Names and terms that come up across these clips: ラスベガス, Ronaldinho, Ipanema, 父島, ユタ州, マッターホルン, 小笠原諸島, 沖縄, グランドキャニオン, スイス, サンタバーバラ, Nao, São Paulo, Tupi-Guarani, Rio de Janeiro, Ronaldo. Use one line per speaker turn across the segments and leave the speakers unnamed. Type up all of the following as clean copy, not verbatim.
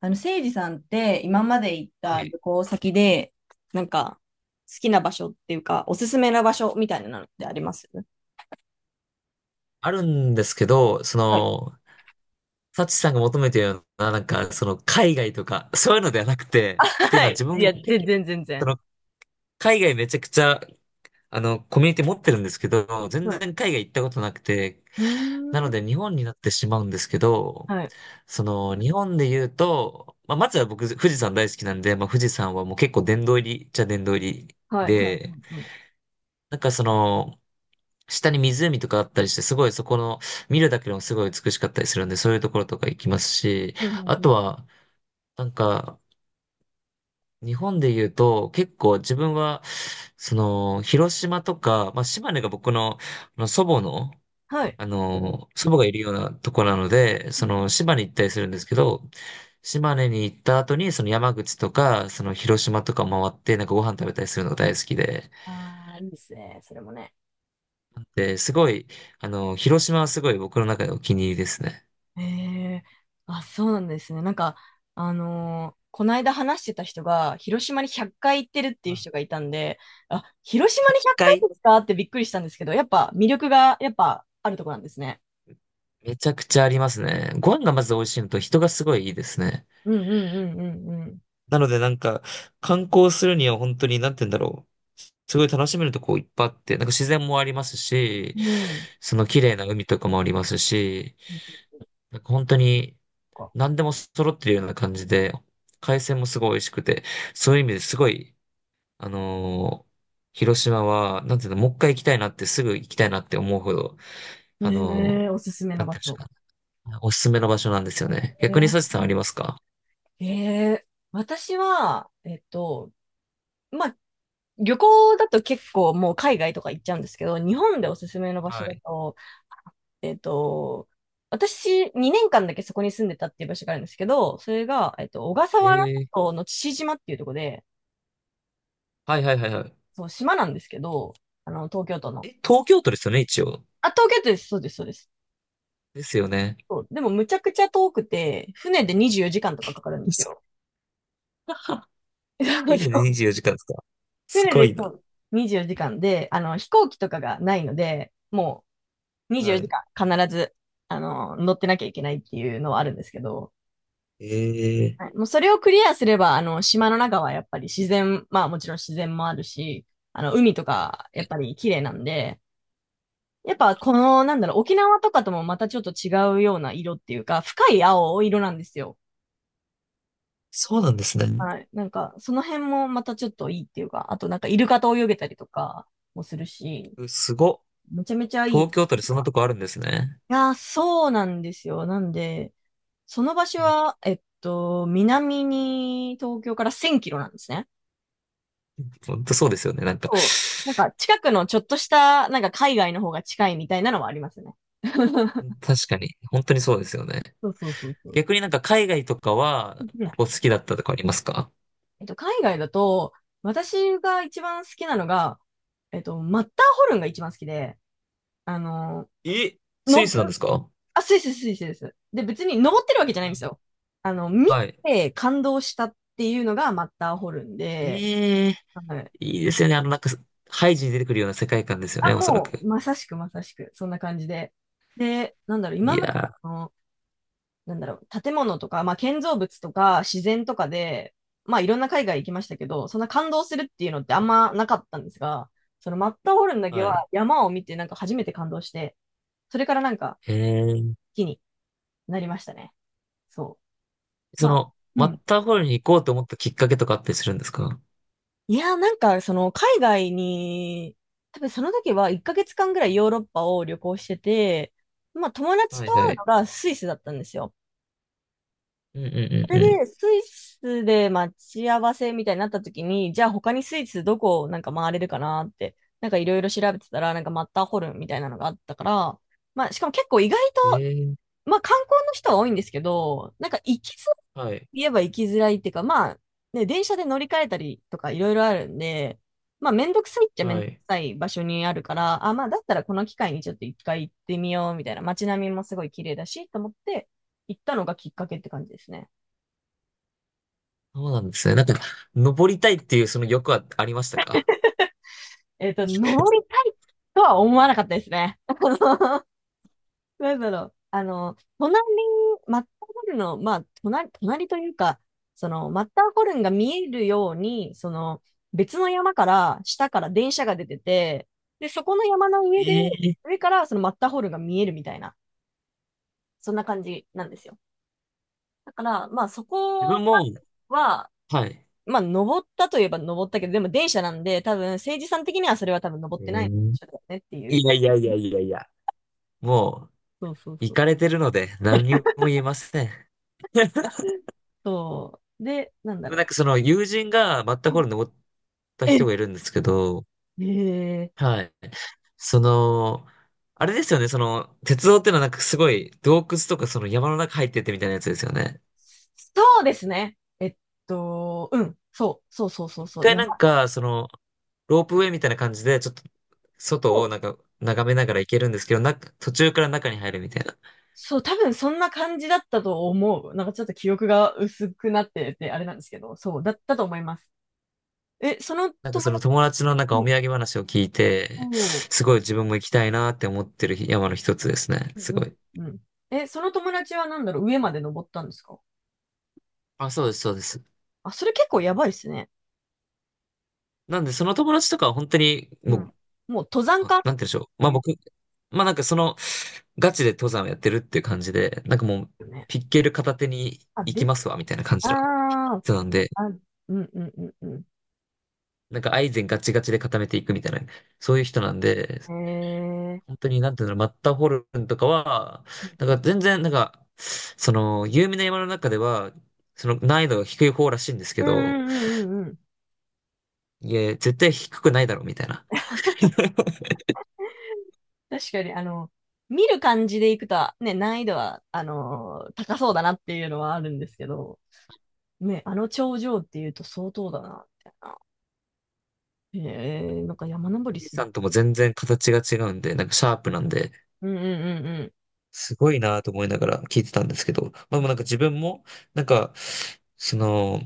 せいじさんって今まで行っ
は
た
い。
旅行先で、なんか、好きな場所っていうか、おすすめな場所みたいなのってあります
あるんですけど、そ
はい。
の、サチさんが求めてるような、なんか、その、海外とか、そういうのではなくて、っていうの
は
は自
い。いや、
分、結
全
構、
然、全
そ
然。
の、海外めちゃくちゃ、あの、コミュニティ持ってるんですけど、全
は
然
い。
海外行ったことなくて、
うー
なの
ん。
で日本になってしまうんですけど、
はい。
その、日本で言うと、まあ、まずは僕、富士山大好きなんで、まあ、富士山はもう結構殿堂入りっちゃ殿堂入り
はい、はい。
で、
うんうん
なんかその、下に湖とかあったりして、すごいそこの、見るだけでもすごい美しかったりするんで、そういうところとか行きますし、
うんうん
あ
うん。
とは、なんか、日本で言うと、結構自分は、その、広島とか、まあ、島根が僕の、あの祖母の、
はい。
あの、祖母がいるようなとこなので、
う
そ
ん。
の、島根行ったりするんですけど、島根に行った後に、その山口とか、その広島とか回って、なんかご飯食べたりするのが大好きで、
ああ、いいですね。それもね。
で、すごい、あの、広島はすごい僕の中でお気に入りですね。
ええ。あ、そうなんですね。なんか、この間話してた人が、広島に100回行ってるっていう人がいたんで、あ、広島に100回
回
ですかってびっくりしたんですけど、やっぱ魅力が、やっぱあるとこなんですね。
めちゃくちゃありますね。ご飯がまず美味しいのと人がすごいいいですね。
うんうん
なのでなんか、観光するには本当に、なんて言うんだろう。すごい楽しめるとこいっぱいあって、なんか自然もありますし、
うんうんうん。うん。
その綺麗な海とかもありますし、なんか本当に
そっか。
何でも揃ってるような感じで、海鮮もすごい美味しくて、そういう意味ですごい、あのー広島は、なんていうの、もう一回行きたいなって、すぐ行きたいなって思うほど、あ
え
の
え、おすすめ
ー
の
なんて
場
いうんです
所。
かね、おすすめの場所なんですよね。逆にサチ
え
さんありますか？
え、えー、私は、まあ、旅行だと結構もう海外とか行っちゃうんですけど、日本でおすすめの場所
は
だ
い。
と、えっと、私、2年間だけそこに住んでたっていう場所があるんですけど、それが、小笠
え
原諸
ー、
島の父島っていうところで、
はいはいはいはい。
そう、島なんですけど、あの、東京都の。
え、東京都ですよね、一応。
あ、東京都です。そうです、そうです。
ですよね。
そう。でも、むちゃくちゃ遠くて、船で24時間とかかかるんです
そ
よ。そ
え
う
で
そう。
24 時間ですか？す
船
ごい
でそ
な。
う24時間で、あの、飛行機とかがないので、もう24
は
時
い。
間必ず、あの、乗ってなきゃいけないっていうのはあるんですけど、
えー、
はい、もうそれをクリアすれば、あの、島の中はやっぱり自然、まあもちろん自然もあるし、あの、海とかやっぱり綺麗なんで、やっぱこの、なんだろう、沖縄とかともまたちょっと違うような色っていうか、深い青色なんですよ。
そうなんですね。
はい。なんか、その辺もまたちょっといいっていうか、あとなんかイルカと泳げたりとかもするし、
うすご
めちゃめちゃいい。
東京
い
都でそんなとこあるんですね。
やー、そうなんですよ。なんで、その場所
え、
は、南に東京から1000キロなんですね。
本当そうですよね。なんか、
そう。なんか近くのちょっとした、なんか海外の方が近いみたいなのはありますね。
確かに。本当にそうですよね。
そうそうそうそう。
逆になんか海外とかは、
うん。
ここ好きだったとかありますか？
海外だと、私が一番好きなのが、マッターホルンが一番好きで、あの、
え、スイ
の、
スなんですか？
あ、スイスです。で、別に登ってるわけじゃないんですよ。あの、見
はい。
て感動したっていうのがマッターホルンで、
え、い
はい。
いですよね。あの、なんか、ハイジに出てくるような世界観ですよね、
あ、
おそら
もう、
く。
まさしく、そんな感じで。で、なんだろう、今
い
まで
や
の、なんだろう、建物とか、まあ、建造物とか自然とかで、まあ、いろんな海外行きましたけど、そんな感動するっていうのってあんまなかったんですが、そのマッターホルンだ
ー、
け
は
は
い。
山を見てなんか初めて感動して、それからなんか
へえー、
好きになりましたね。そう。
そ
まあ、
の、
う
マッ
ん。
ターホルンに行こうと思ったきっかけとかあったりするんですか？
いやー、なんかその海外に、多分その時は1ヶ月間ぐらいヨーロッパを旅行してて、まあ友達
はい
と
は
会うの
い。
がスイスだったんですよ。
うんうん
そ
うん
れ
う
で、スイスで待ち合わせみたいになった時に、じゃあ他にスイスどこをなんか回れるかなって、なんかいろいろ調べてたら、なんかマッターホルンみたいなのがあったから、まあしかも結構意外と、
ん。ええ、
まあ観光の人は多いんですけど、なんか行きづらい、
はい、
言えば行きづらいっていうか、まあね、電車で乗り換えたりとかいろいろあるんで、まあめんどくさいっちゃめん
は
どく
い。
さい場所にあるから、あ、まあだったらこの機会にちょっと一回行ってみようみたいな、街並みもすごい綺麗だしと思って行ったのがきっかけって感じですね。
そうなんですね。なんか、登りたいっていうその欲はありましたか？
登りたいとは思わなかったですね。あの、なんだろう。あの、マッターホルンの、まあ、隣というか、その、マッターホルンが見えるように、その、別の山から、下から電車が出てて、で、そこの山の上で、
ええ、
上からそのマッターホルンが見えるみたいな、そんな感じなんですよ。だから、まあ、そ
自
こ
分も、
は、
はい。
まあ、登ったといえば登ったけど、でも電車なんで、多分、政治さん的にはそれは多分登
え
ってないんで
ー、
しょうねってい
い
う。
やいやいやいやいや、も
そうそう
う、行
そう。
かれてるので、何にも言えません。で
そう。で、なんだ
もなん
ろ
かその友人がマッターホルン
う。
登った
え、
人がいるんですけど、
えー、
はい。その、あれですよね、その、鉄道ってのはなんかすごい洞窟とかその山の中入ってってみたいなやつですよね。
そうですね。うん。そう、そうそうそう
一
そう。
回
山
なんか、その、ロープウェイみたいな感じで、ちょっと
と、
外をなんか眺めながら行けるんですけど、な、途中から中に入るみたいな。
そう、多分そんな感じだったと思う。なんかちょっと記憶が薄くなってて、あれなんですけど、そう、だったと思います。え、その
なんか
友
そ
達、
の友達のなんか
う
お
ん、
土産話を聞い
お
て、
ー、
すごい自分も行きたいなって思ってる山の一つですね。
う
すご
ん
い。
うん、え、その友達はなんだろう、上まで登ったんですか？
あ、そうです、そうです。
あ、それ結構やばいですね。
なんでその友達とかは本当に
うん。
もう、
もう登
あ、
山
なんて
家って
言うんでしょう。まあ
言
僕、まあなんかその、ガチで登山をやってるっていう感じで、なんかもう、
うよね。
ピッケル片手に
あ、
行き
です。
ますわ、みたいな感
あ
じの
ー、
人なんで、
あ、うんうんうんうん。
なんかアイゼンガチガチで固めていくみたいな、そういう人なんで、
へえ。
本当になんていうの、マッターホルンとかは、
う
なんか
ん
全然、なんか、その、有名な山の中では、その難易度が低い方らしいんです
う
け
ん
ど、
うんうんうんうん。
いや、絶対低くないだろう、みたいな。
確かに、あの、見る感じでいくと、ね、難易度は、高そうだなっていうのはあるんですけど、ね、あの頂上っていうと相当だな、みたいな。へえ、なんか山登
富
り
士
する。
山とも全然形が違うんで、なんかシャープなんで、
うんうん
すごいなと思いながら聞いてたんですけど、まあでもなんか自分も、なんか、その、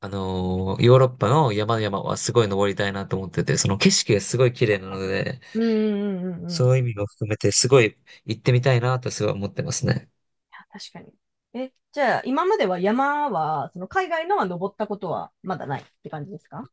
ヨーロッパの山々はすごい登りたいなと思ってて、その景色がすごい綺麗なので、
うんうん。うんうんうんうんうんうんうんうん、い
そういう意味も含めてすごい行ってみたいなとすごい思ってますね。
や、確かに。え、じゃあ、今までは山は、その海外のは登ったことはまだないって感じですか？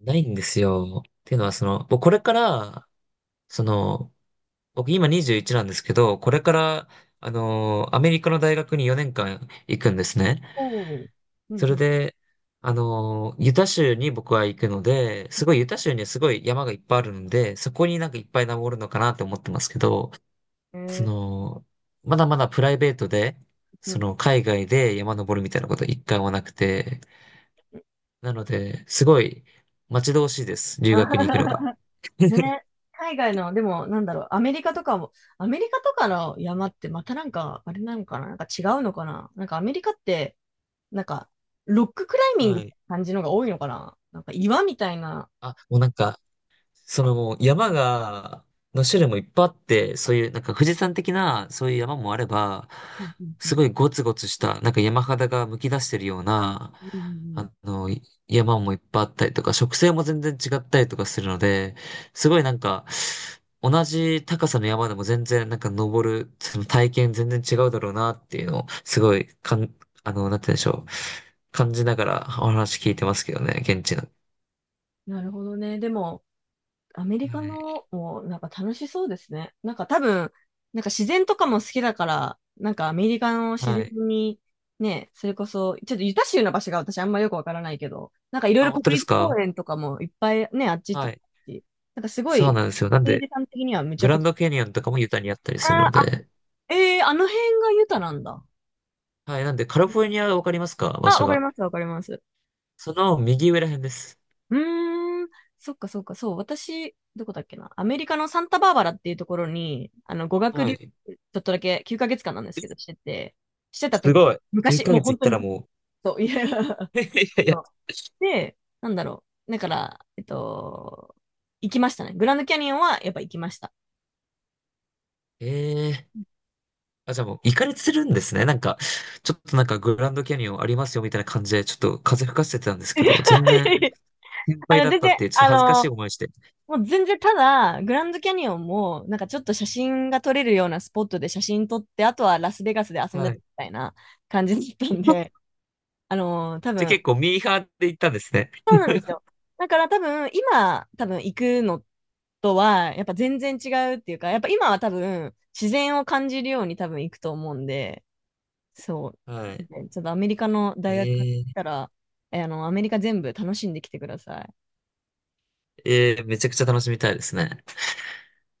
ないんですよ。っていうのはその、僕これから、その、僕今21なんですけど、これから、アメリカの大学に4年間行くんですね。
おおー。うん
それ
う
で、ユタ州に僕は行くので、すごいユタ州にはすごい山がいっぱいあるので、そこになんかいっぱい登るのかなって思ってますけど、
ん。え
そ
ー、
の、まだまだプライベートで、
う
そ
ん
の海外で山登るみたいなこと一回もなくて、
うん。
なので、すごい待ち遠しいです、留学に行
あ、
くのが。
ね、海外の、でも、なんだろう、アメリカとかも、アメリカとかの山ってまたなんか、あれなのかな、なんか違うのかな、なんかアメリカって、なんか、ロッククライミン
は
グって
い。
感じのが多いのかな、なんか岩みたいな。
あ、もうなんか、そのもう山が、の種類もいっぱいあって、そういうなんか富士山的なそういう山もあれば、
うんうん
す
うん
ごいゴツゴツしたなんか山肌がむき出してるような、
うんうんう
あ
ん。
の、山もいっぱいあったりとか、植生も全然違ったりとかするので、すごいなんか、同じ高さの山でも全然なんか登る、その体験全然違うだろうなっていうのを、すごいかん、あの、なんて言うんでしょう。感じながらお話聞いてますけどね、現地の。
なるほどね。でも、アメリカ
は
のもなんか楽しそうですね。なんか多分、なんか自然とかも好きだから、なんかアメリカの
い。
自
は
然
い。
に、ね、それこそ、ちょっとユタ州の場所が私あんまよくわからないけど、なんかいろい
あ、
ろ
本当で
国
す
立
か？
公園とかもいっぱいね、あっちと
は
か
い。
あって、なんかすご
そう
い、
なんですよ。なんで、
政治さん的にはむち
グ
ゃ
ラ
く
ン
ち
ドキャニオンとかもユタにあったりする
ゃ、あー、
の
あ、
で。
えー、あの辺がユタなんだ。
はい。なんで、カリフォルニアわかりますか、場
あ、
所
わかり
が。
ます、わかります。
その右上ら辺です。
うーん。そっかそっか、そう。私、どこだっけな。アメリカのサンタバーバラっていうところに、あの、語学
は
留
い。
学、ちょっとだけ9ヶ月間なんですけど、してて、してた
す
時が、
ごい。9
昔、
ヶ
もう
月
本
行っ
当
た
に
ら
昔、
も
そう、いや、
う。いやいや、
そう。で、なんだろう。だから、行きましたね。グランドキャニオンはやっぱ行きました。
ええ、あ、じゃあもう、行かれてるんですね。なんか、ちょっとなんかグランドキャニオンありますよみたいな感じで、ちょっと風吹かせてたんです
い
け
や
ど、全然
いや、
先輩
あの、
だっ
全
たっ
然、
ていう、ちょっと
あ
恥ずかしい
の、
思いして。
もう全然ただ、グランドキャニオンも、なんかちょっと写真が撮れるようなスポットで写真撮って、あとはラスベガスで遊んで
は
たみ
い。
たいな感じだったんで、多
じゃあ
分、そ
結構
う
ミーハーで行ったんですね。
なんですよ。だから多分、今、多分行くのとは、やっぱ全然違うっていうか、やっぱ今は多分、自然を感じるように多分行くと思うんで、そ
は
う。
い。
ね、ちょっとアメリカの大学行っ
え
た
え、
ら、え、あの、アメリカ全部楽しんできてください。
ええ、めちゃくちゃ楽しみたいですね。